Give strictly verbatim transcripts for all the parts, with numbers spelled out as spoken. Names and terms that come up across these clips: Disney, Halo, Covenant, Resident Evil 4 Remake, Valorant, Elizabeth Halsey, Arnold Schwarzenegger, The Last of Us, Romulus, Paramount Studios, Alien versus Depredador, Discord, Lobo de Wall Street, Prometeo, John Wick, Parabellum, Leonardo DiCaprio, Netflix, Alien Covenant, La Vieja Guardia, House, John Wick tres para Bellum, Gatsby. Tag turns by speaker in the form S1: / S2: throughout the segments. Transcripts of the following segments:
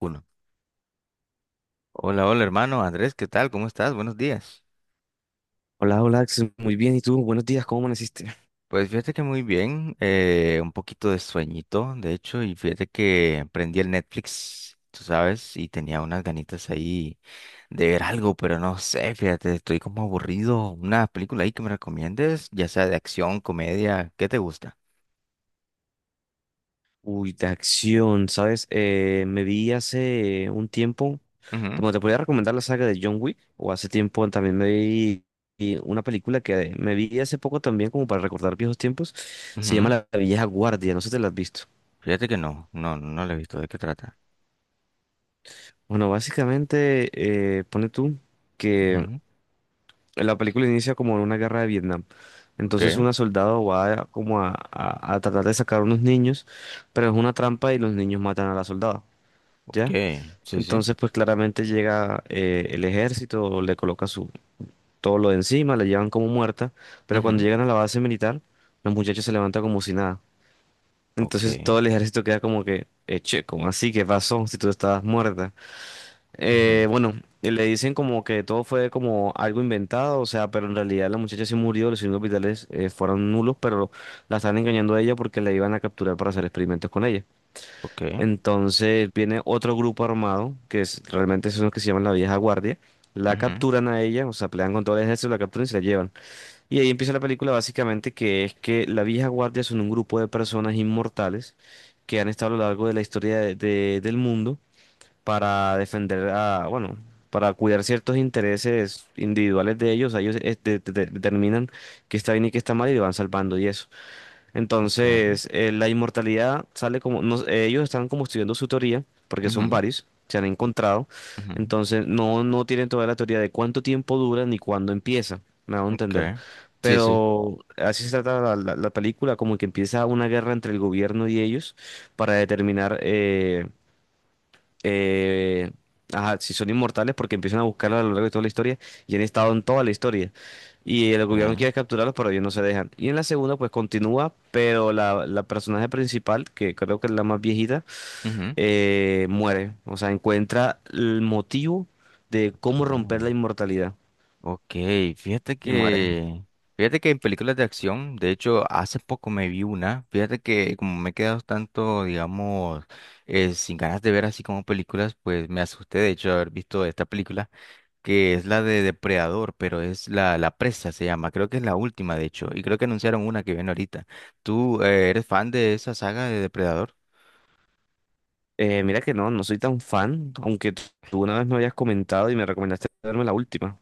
S1: Uno. Hola, hola hermano Andrés, ¿qué tal? ¿Cómo estás? Buenos días.
S2: Hola, hola, Axel. Muy bien. ¿Y tú? Buenos días. ¿Cómo amaneciste?
S1: Pues fíjate que muy bien, eh, un poquito de sueñito, de hecho, y fíjate que prendí el Netflix, tú sabes, y tenía unas ganitas ahí de ver algo, pero no sé, fíjate, estoy como aburrido. Una película ahí que me recomiendes, ya sea de acción, comedia, ¿qué te gusta?
S2: Uy, de acción, ¿sabes? Eh, me vi hace un tiempo,
S1: Ujú,
S2: como te podía recomendar la saga de John Wick, o hace tiempo también me vi vi una película que me vi hace poco también, como para recordar viejos tiempos, se llama
S1: ujú.
S2: La Vieja Guardia, no sé si te la has visto.
S1: Fíjate que no, no, no no la he visto, ¿de qué trata?
S2: Bueno, básicamente, eh, pone tú que
S1: Ujú.
S2: la película inicia como en una guerra de Vietnam. Entonces
S1: Ok,
S2: una soldado va a- como a, a- a tratar de sacar unos niños, pero es una trampa y los niños matan a la soldada, ¿ya?
S1: ok, sí, sí.
S2: Entonces pues claramente llega eh, el ejército, le coloca su, todo lo de encima, la llevan como muerta, pero cuando
S1: Ujú.
S2: llegan a la base militar, los muchachos se levantan como si nada.
S1: Ok,
S2: Entonces todo el ejército queda como que, eh, che, ¿cómo así? ¿Qué pasó si tú estabas muerta?
S1: ujú,
S2: Eh, bueno, eh, le dicen como que todo fue como algo inventado, o sea, pero en realidad la muchacha sí murió, los signos vitales eh, fueron nulos, pero la están engañando a ella porque la iban a capturar para hacer experimentos con ella.
S1: ok,
S2: Entonces viene otro grupo armado, que es, realmente son los que se llaman la vieja guardia, la
S1: ujú,
S2: capturan a ella, o sea, pelean con todo el ejército, la capturan y se la llevan. Y ahí empieza la película básicamente que es que la vieja guardia son un grupo de personas inmortales que han estado a lo largo de la historia de- de- del mundo para defender a, bueno, para cuidar ciertos intereses individuales de ellos, ellos eh, de- de- de- determinan que está bien y que está mal y lo van salvando y eso.
S1: ok.
S2: Entonces, eh, la inmortalidad sale como, no- eh, ellos están como estudiando su teoría, porque son
S1: Ujú,
S2: varios, se han encontrado,
S1: ujú.
S2: entonces no, no tienen toda la teoría de cuánto tiempo dura ni cuándo empieza, me hago entender.
S1: Okay. Sí, sí.
S2: Pero así se trata la, la- la película, como que empieza una guerra entre el gobierno y ellos para determinar eh, eh, ajá, si son inmortales porque empiezan a buscarlos a lo largo de toda la historia y han estado en toda la historia. Y el gobierno
S1: Ah,
S2: quiere capturarlos, pero ellos no se dejan. Y en la segunda, pues continúa, pero la, la personaje principal, que creo que es la más viejita,
S1: ujú.
S2: eh, muere. O sea, encuentra el motivo de cómo
S1: Okay.
S2: romper la inmortalidad
S1: Ok, fíjate
S2: y muere.
S1: que, fíjate que en películas de acción, de hecho, hace poco me vi una, fíjate que como me he quedado tanto, digamos, eh, sin ganas de ver así como películas, pues me asusté de hecho de haber visto esta película, que es la de Depredador, pero es la, la presa, se llama, creo que es la última, de hecho, y creo que anunciaron una que viene ahorita. ¿Tú eh, eres fan de esa saga de Depredador?
S2: Eh, mira que no, no soy tan fan, aunque tú una vez me habías comentado y me recomendaste verme la última.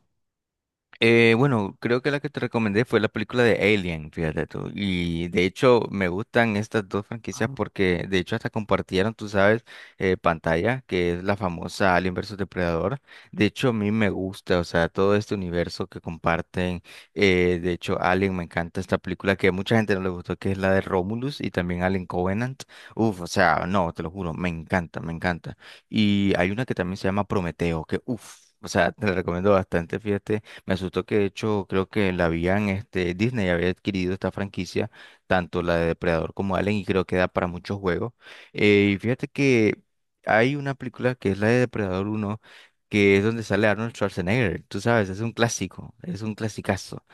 S1: Eh, bueno, creo que la que te recomendé fue la película de Alien, fíjate tú. Y de hecho me gustan estas dos franquicias porque de hecho hasta compartieron, tú sabes, eh, pantalla, que es la famosa Alien versus Depredador. De hecho a mí me gusta, o sea, todo este universo que comparten. Eh, de hecho Alien, me encanta esta película que a mucha gente no le gustó, que es la de Romulus y también Alien Covenant. Uf, o sea, no, te lo juro, me encanta, me encanta. Y hay una que también se llama Prometeo, que uf. O sea, te la recomiendo bastante, fíjate me asustó que de hecho creo que la habían, este, Disney había adquirido esta franquicia, tanto la de Depredador como Alien, y creo que da para muchos juegos. Eh, y fíjate que hay una película que es la de Depredador uno que es donde sale Arnold Schwarzenegger, tú sabes, es un clásico, es un clasicazo.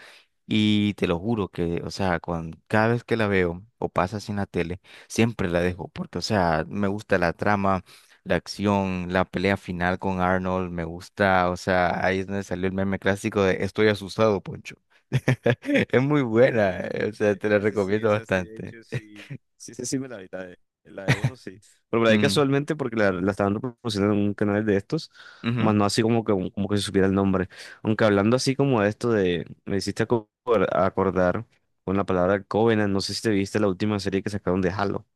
S1: Y te lo juro que, o sea, cuando, cada vez que la veo o pasa así en la tele, siempre la dejo, porque, o sea, me gusta la trama, la acción, la pelea final con Arnold, me gusta, o sea, ahí es donde salió el meme clásico de Estoy asustado, Poncho. Es muy buena, eh, o sea,
S2: Eh,
S1: te la
S2: Ese sí,
S1: recomiendo
S2: esa sí, de
S1: bastante.
S2: hecho, sí. Sí, sí, sí, me la vi, la de, la de uno, sí. Pero la ahí
S1: Ujú,
S2: casualmente, porque la, la estaban reproduciendo en un canal de estos,
S1: ujú.
S2: más no así como que, como que se supiera el nombre. Aunque hablando así como de esto de, me hiciste aco- acordar con la palabra Covenant, no sé si te viste la última serie que sacaron de Halo.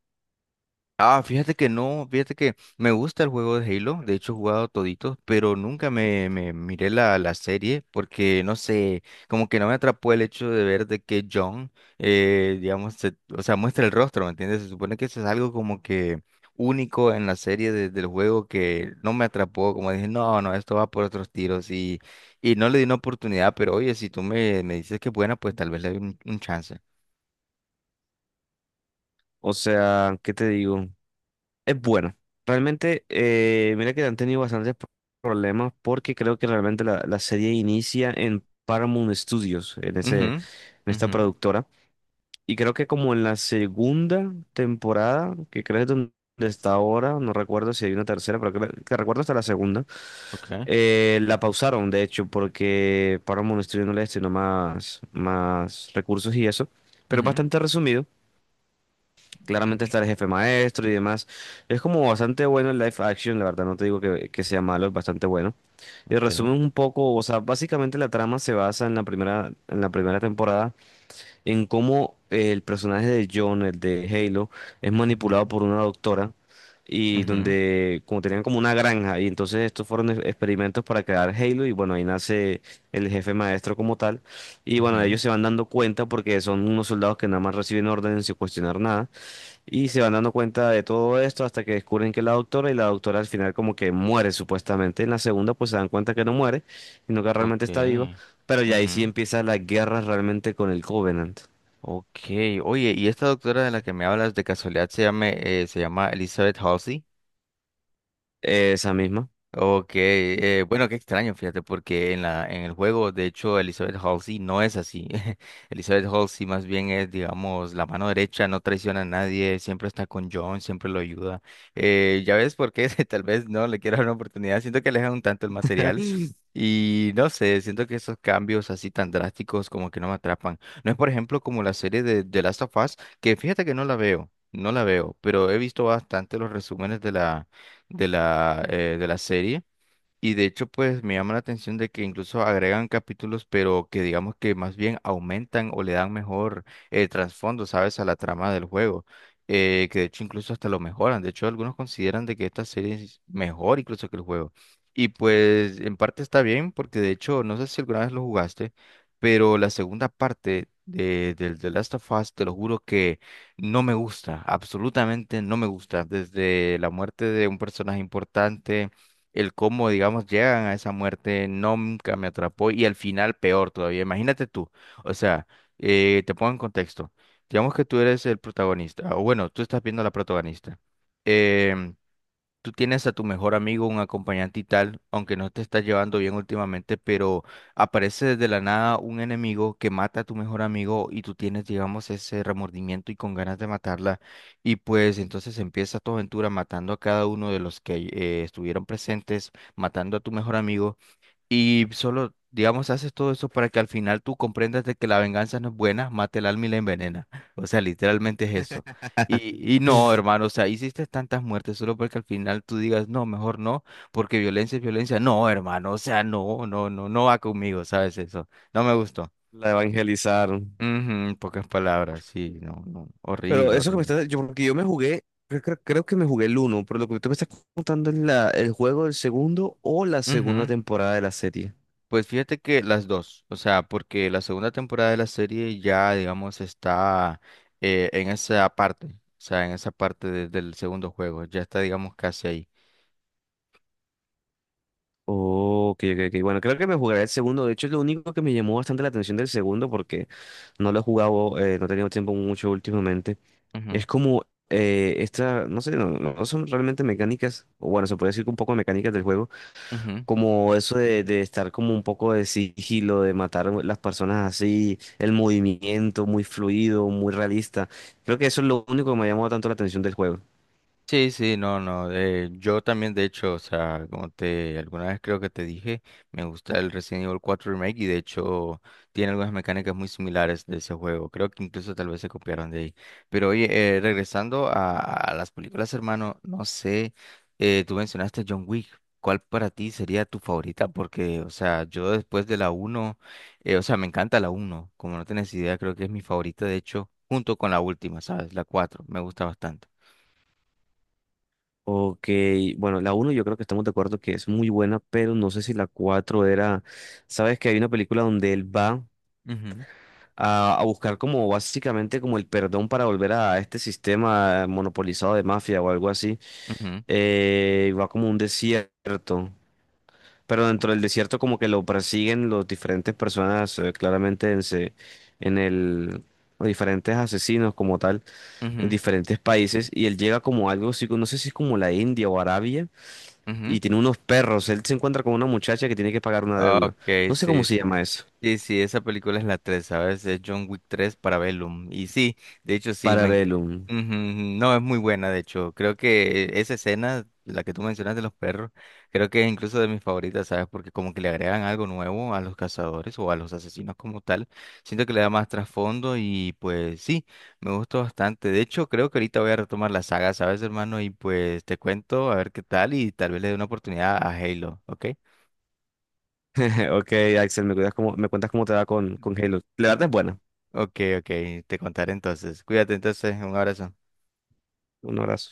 S1: Ah, fíjate que no, fíjate que me gusta el juego de Halo, de hecho he jugado toditos, pero nunca me, me miré la, la serie porque no sé, como que no me atrapó el hecho de ver de que John, eh, digamos, se- o sea, muestra el rostro, ¿me entiendes? Se supone que eso es algo como que único en la serie de- del juego que no me atrapó, como dije, no, no, esto va por otros tiros y, y no le di una oportunidad, pero oye, si tú me, me dices que es buena, pues tal vez le doy un, un chance.
S2: O sea, ¿qué te digo? Es buena. Realmente, eh, mira que han tenido bastantes pro- problemas porque creo que realmente la, la serie inicia en Paramount Studios, en ese, en
S1: Mhm,
S2: esta
S1: mhm,
S2: productora. Y creo que como en la segunda temporada, que creo que es donde está ahora, no recuerdo si hay una tercera, pero creo que recuerdo hasta la segunda,
S1: okay,
S2: eh, la pausaron, de hecho, porque Paramount Studios no le destinó más, más recursos y eso. Pero es
S1: mhm,
S2: bastante resumido. Claramente
S1: mhm,
S2: está el jefe maestro y demás. Es como bastante bueno el live action, la verdad, no te digo que, que sea malo, es bastante bueno. Y
S1: ok.
S2: resumen un poco, o sea, básicamente la trama se basa en la primera, en la primera temporada, en cómo eh, el personaje de John, el de Halo, es
S1: Ujú,
S2: manipulado por una doctora y
S1: ujú,
S2: donde como tenían como una granja y entonces estos fueron e- experimentos para crear Halo y bueno, ahí nace el jefe maestro como tal. Y bueno,
S1: ujú.
S2: ellos se van dando cuenta porque son unos soldados que nada más reciben órdenes sin cuestionar nada. Y se van dando cuenta de todo esto hasta que descubren que es la doctora y la doctora al final como que muere supuestamente. En la segunda pues se dan cuenta que no muere, sino que realmente
S1: Ok.
S2: está vivo. Pero ya ahí sí
S1: Ujú.
S2: empieza la guerra realmente con el Covenant.
S1: Ok. Oye, ¿y esta doctora de la que me hablas de casualidad se llama, eh, se llama Elizabeth Halsey?
S2: Esa misma.
S1: Ok, eh, bueno, qué extraño, fíjate, porque en la, en el juego, de hecho, Elizabeth Halsey no es así. Elizabeth Halsey más bien es, digamos, la mano derecha, no traiciona a nadie, siempre está con John, siempre lo ayuda. Eh, ya ves por qué tal vez no le quiero dar una oportunidad, siento que alejan un tanto el material y no sé, siento que esos cambios así tan drásticos como que no me atrapan. No es, por ejemplo, como la serie de The Last of Us, que fíjate que no la veo, no la veo, pero he visto bastante los resúmenes de la de la, eh, de la serie. Y de hecho, pues me llama la atención de que incluso agregan capítulos, pero que digamos que más bien aumentan o le dan mejor eh, trasfondo, ¿sabes? A la trama del juego. Eh, que de hecho incluso hasta lo mejoran. De hecho, algunos consideran de que esta serie es mejor incluso que el juego. Y pues en parte está bien, porque de hecho, no sé si alguna vez lo jugaste, pero la segunda parte de, del The Last of Us, te lo juro que no me gusta, absolutamente no me gusta. Desde la muerte de un personaje importante el cómo, digamos, llegan a esa muerte nunca me atrapó y al final peor todavía. Imagínate tú, o sea, eh, te pongo en contexto. Digamos que tú eres el protagonista, o bueno, tú estás viendo a la protagonista. Em, Tú tienes a tu mejor amigo, un acompañante y tal, aunque no te estás llevando bien últimamente, pero aparece desde la nada un enemigo que mata a tu mejor amigo y tú tienes, digamos, ese remordimiento y con ganas de matarla. Y pues entonces empieza tu aventura matando a cada uno de los que eh, estuvieron presentes, matando a tu mejor amigo. Y solo, digamos, haces todo eso para que al final tú comprendas de que la venganza no es buena, mata el alma y la envenena. O sea, literalmente es eso. Y, y no, hermano, o sea, hiciste tantas muertes solo porque al final tú digas, no, mejor no, porque violencia es violencia. No, hermano, o sea, no, no, no, no va conmigo, ¿sabes eso? No me gustó.
S2: La evangelizaron.
S1: Ujú, en pocas palabras, sí, no, no,
S2: Pero
S1: horrible,
S2: eso que me
S1: horrible.
S2: estás... Yo, porque yo me jugué, creo, creo- creo que me jugué el uno, pero lo que tú me estás contando es la, el juego del segundo o la segunda temporada de la serie.
S1: Pues fíjate que las dos, o sea, porque la segunda temporada de la serie ya, digamos, está eh, en esa parte, o sea, en esa parte de- del segundo juego, ya está, digamos, casi ahí.
S2: Ok, ok, ok. Bueno, creo que me jugaré el segundo. De hecho, es lo único que me llamó bastante la atención del segundo, porque no lo he jugado, eh, no he tenido tiempo mucho últimamente.
S1: Ujú,
S2: Es como eh, esta, no sé, no, no son realmente mecánicas, o bueno, se puede decir que un poco de mecánicas del juego,
S1: ujú.
S2: como eso de, de estar como un poco de sigilo, de matar a las personas así, el movimiento muy fluido, muy realista. Creo que eso es lo único que me ha llamado tanto la atención del juego.
S1: Sí, sí, no, no. Eh, yo también, de hecho, o sea, como te alguna vez creo que te dije, me gusta el Resident Evil cuatro Remake y de hecho tiene algunas mecánicas muy similares de ese juego. Creo que incluso tal vez se copiaron de ahí. Pero oye, eh, regresando a, a las películas, hermano, no sé, eh, tú mencionaste John Wick. ¿Cuál para ti sería tu favorita? Porque, o sea, yo después de la uno, eh, o sea, me encanta la uno. Como no tienes idea, creo que es mi favorita, de hecho, junto con la última, ¿sabes? La cuatro. Me gusta bastante.
S2: Ok, bueno, la uno yo creo que estamos de acuerdo que es muy buena, pero no sé si la cuatro era, sabes que hay una película donde él va a, a buscar como básicamente como el perdón para volver a este sistema monopolizado de mafia o algo así,
S1: Ujú,
S2: eh, y va como a un desierto, pero dentro del desierto como que lo persiguen los diferentes personas, eh, claramente en, se- en el... los diferentes asesinos como tal en
S1: ujú,
S2: diferentes países y él llega como a algo así, no sé si es como la India o Arabia
S1: ujú.
S2: y tiene unos perros. Él se encuentra con una muchacha que tiene que pagar una
S1: Ok,
S2: deuda. No sé cómo
S1: sí,
S2: se
S1: sí.
S2: llama eso.
S1: Sí, sí, esa película es la tres, ¿sabes? Es John Wick tres para Bellum. Y sí, de hecho sí, me enc-
S2: Parabellum.
S1: Ujú. No, es muy buena, de hecho. Creo que esa escena, la que tú mencionas de los perros, creo que es incluso de mis favoritas, ¿sabes? Porque como que le agregan algo nuevo a los cazadores o a los asesinos como tal. Siento que le da más trasfondo y pues sí, me gustó bastante. De hecho, creo que ahorita voy a retomar la saga, ¿sabes, hermano? Y pues te cuento a ver qué tal y tal vez le dé una oportunidad a Halo, ¿ok?
S2: Ok, Axel, me cuidas cómo, me cuentas cómo te va con, con Halo. La verdad es buena.
S1: Ok, ok, te contaré entonces. Cuídate entonces, un abrazo.
S2: Un abrazo.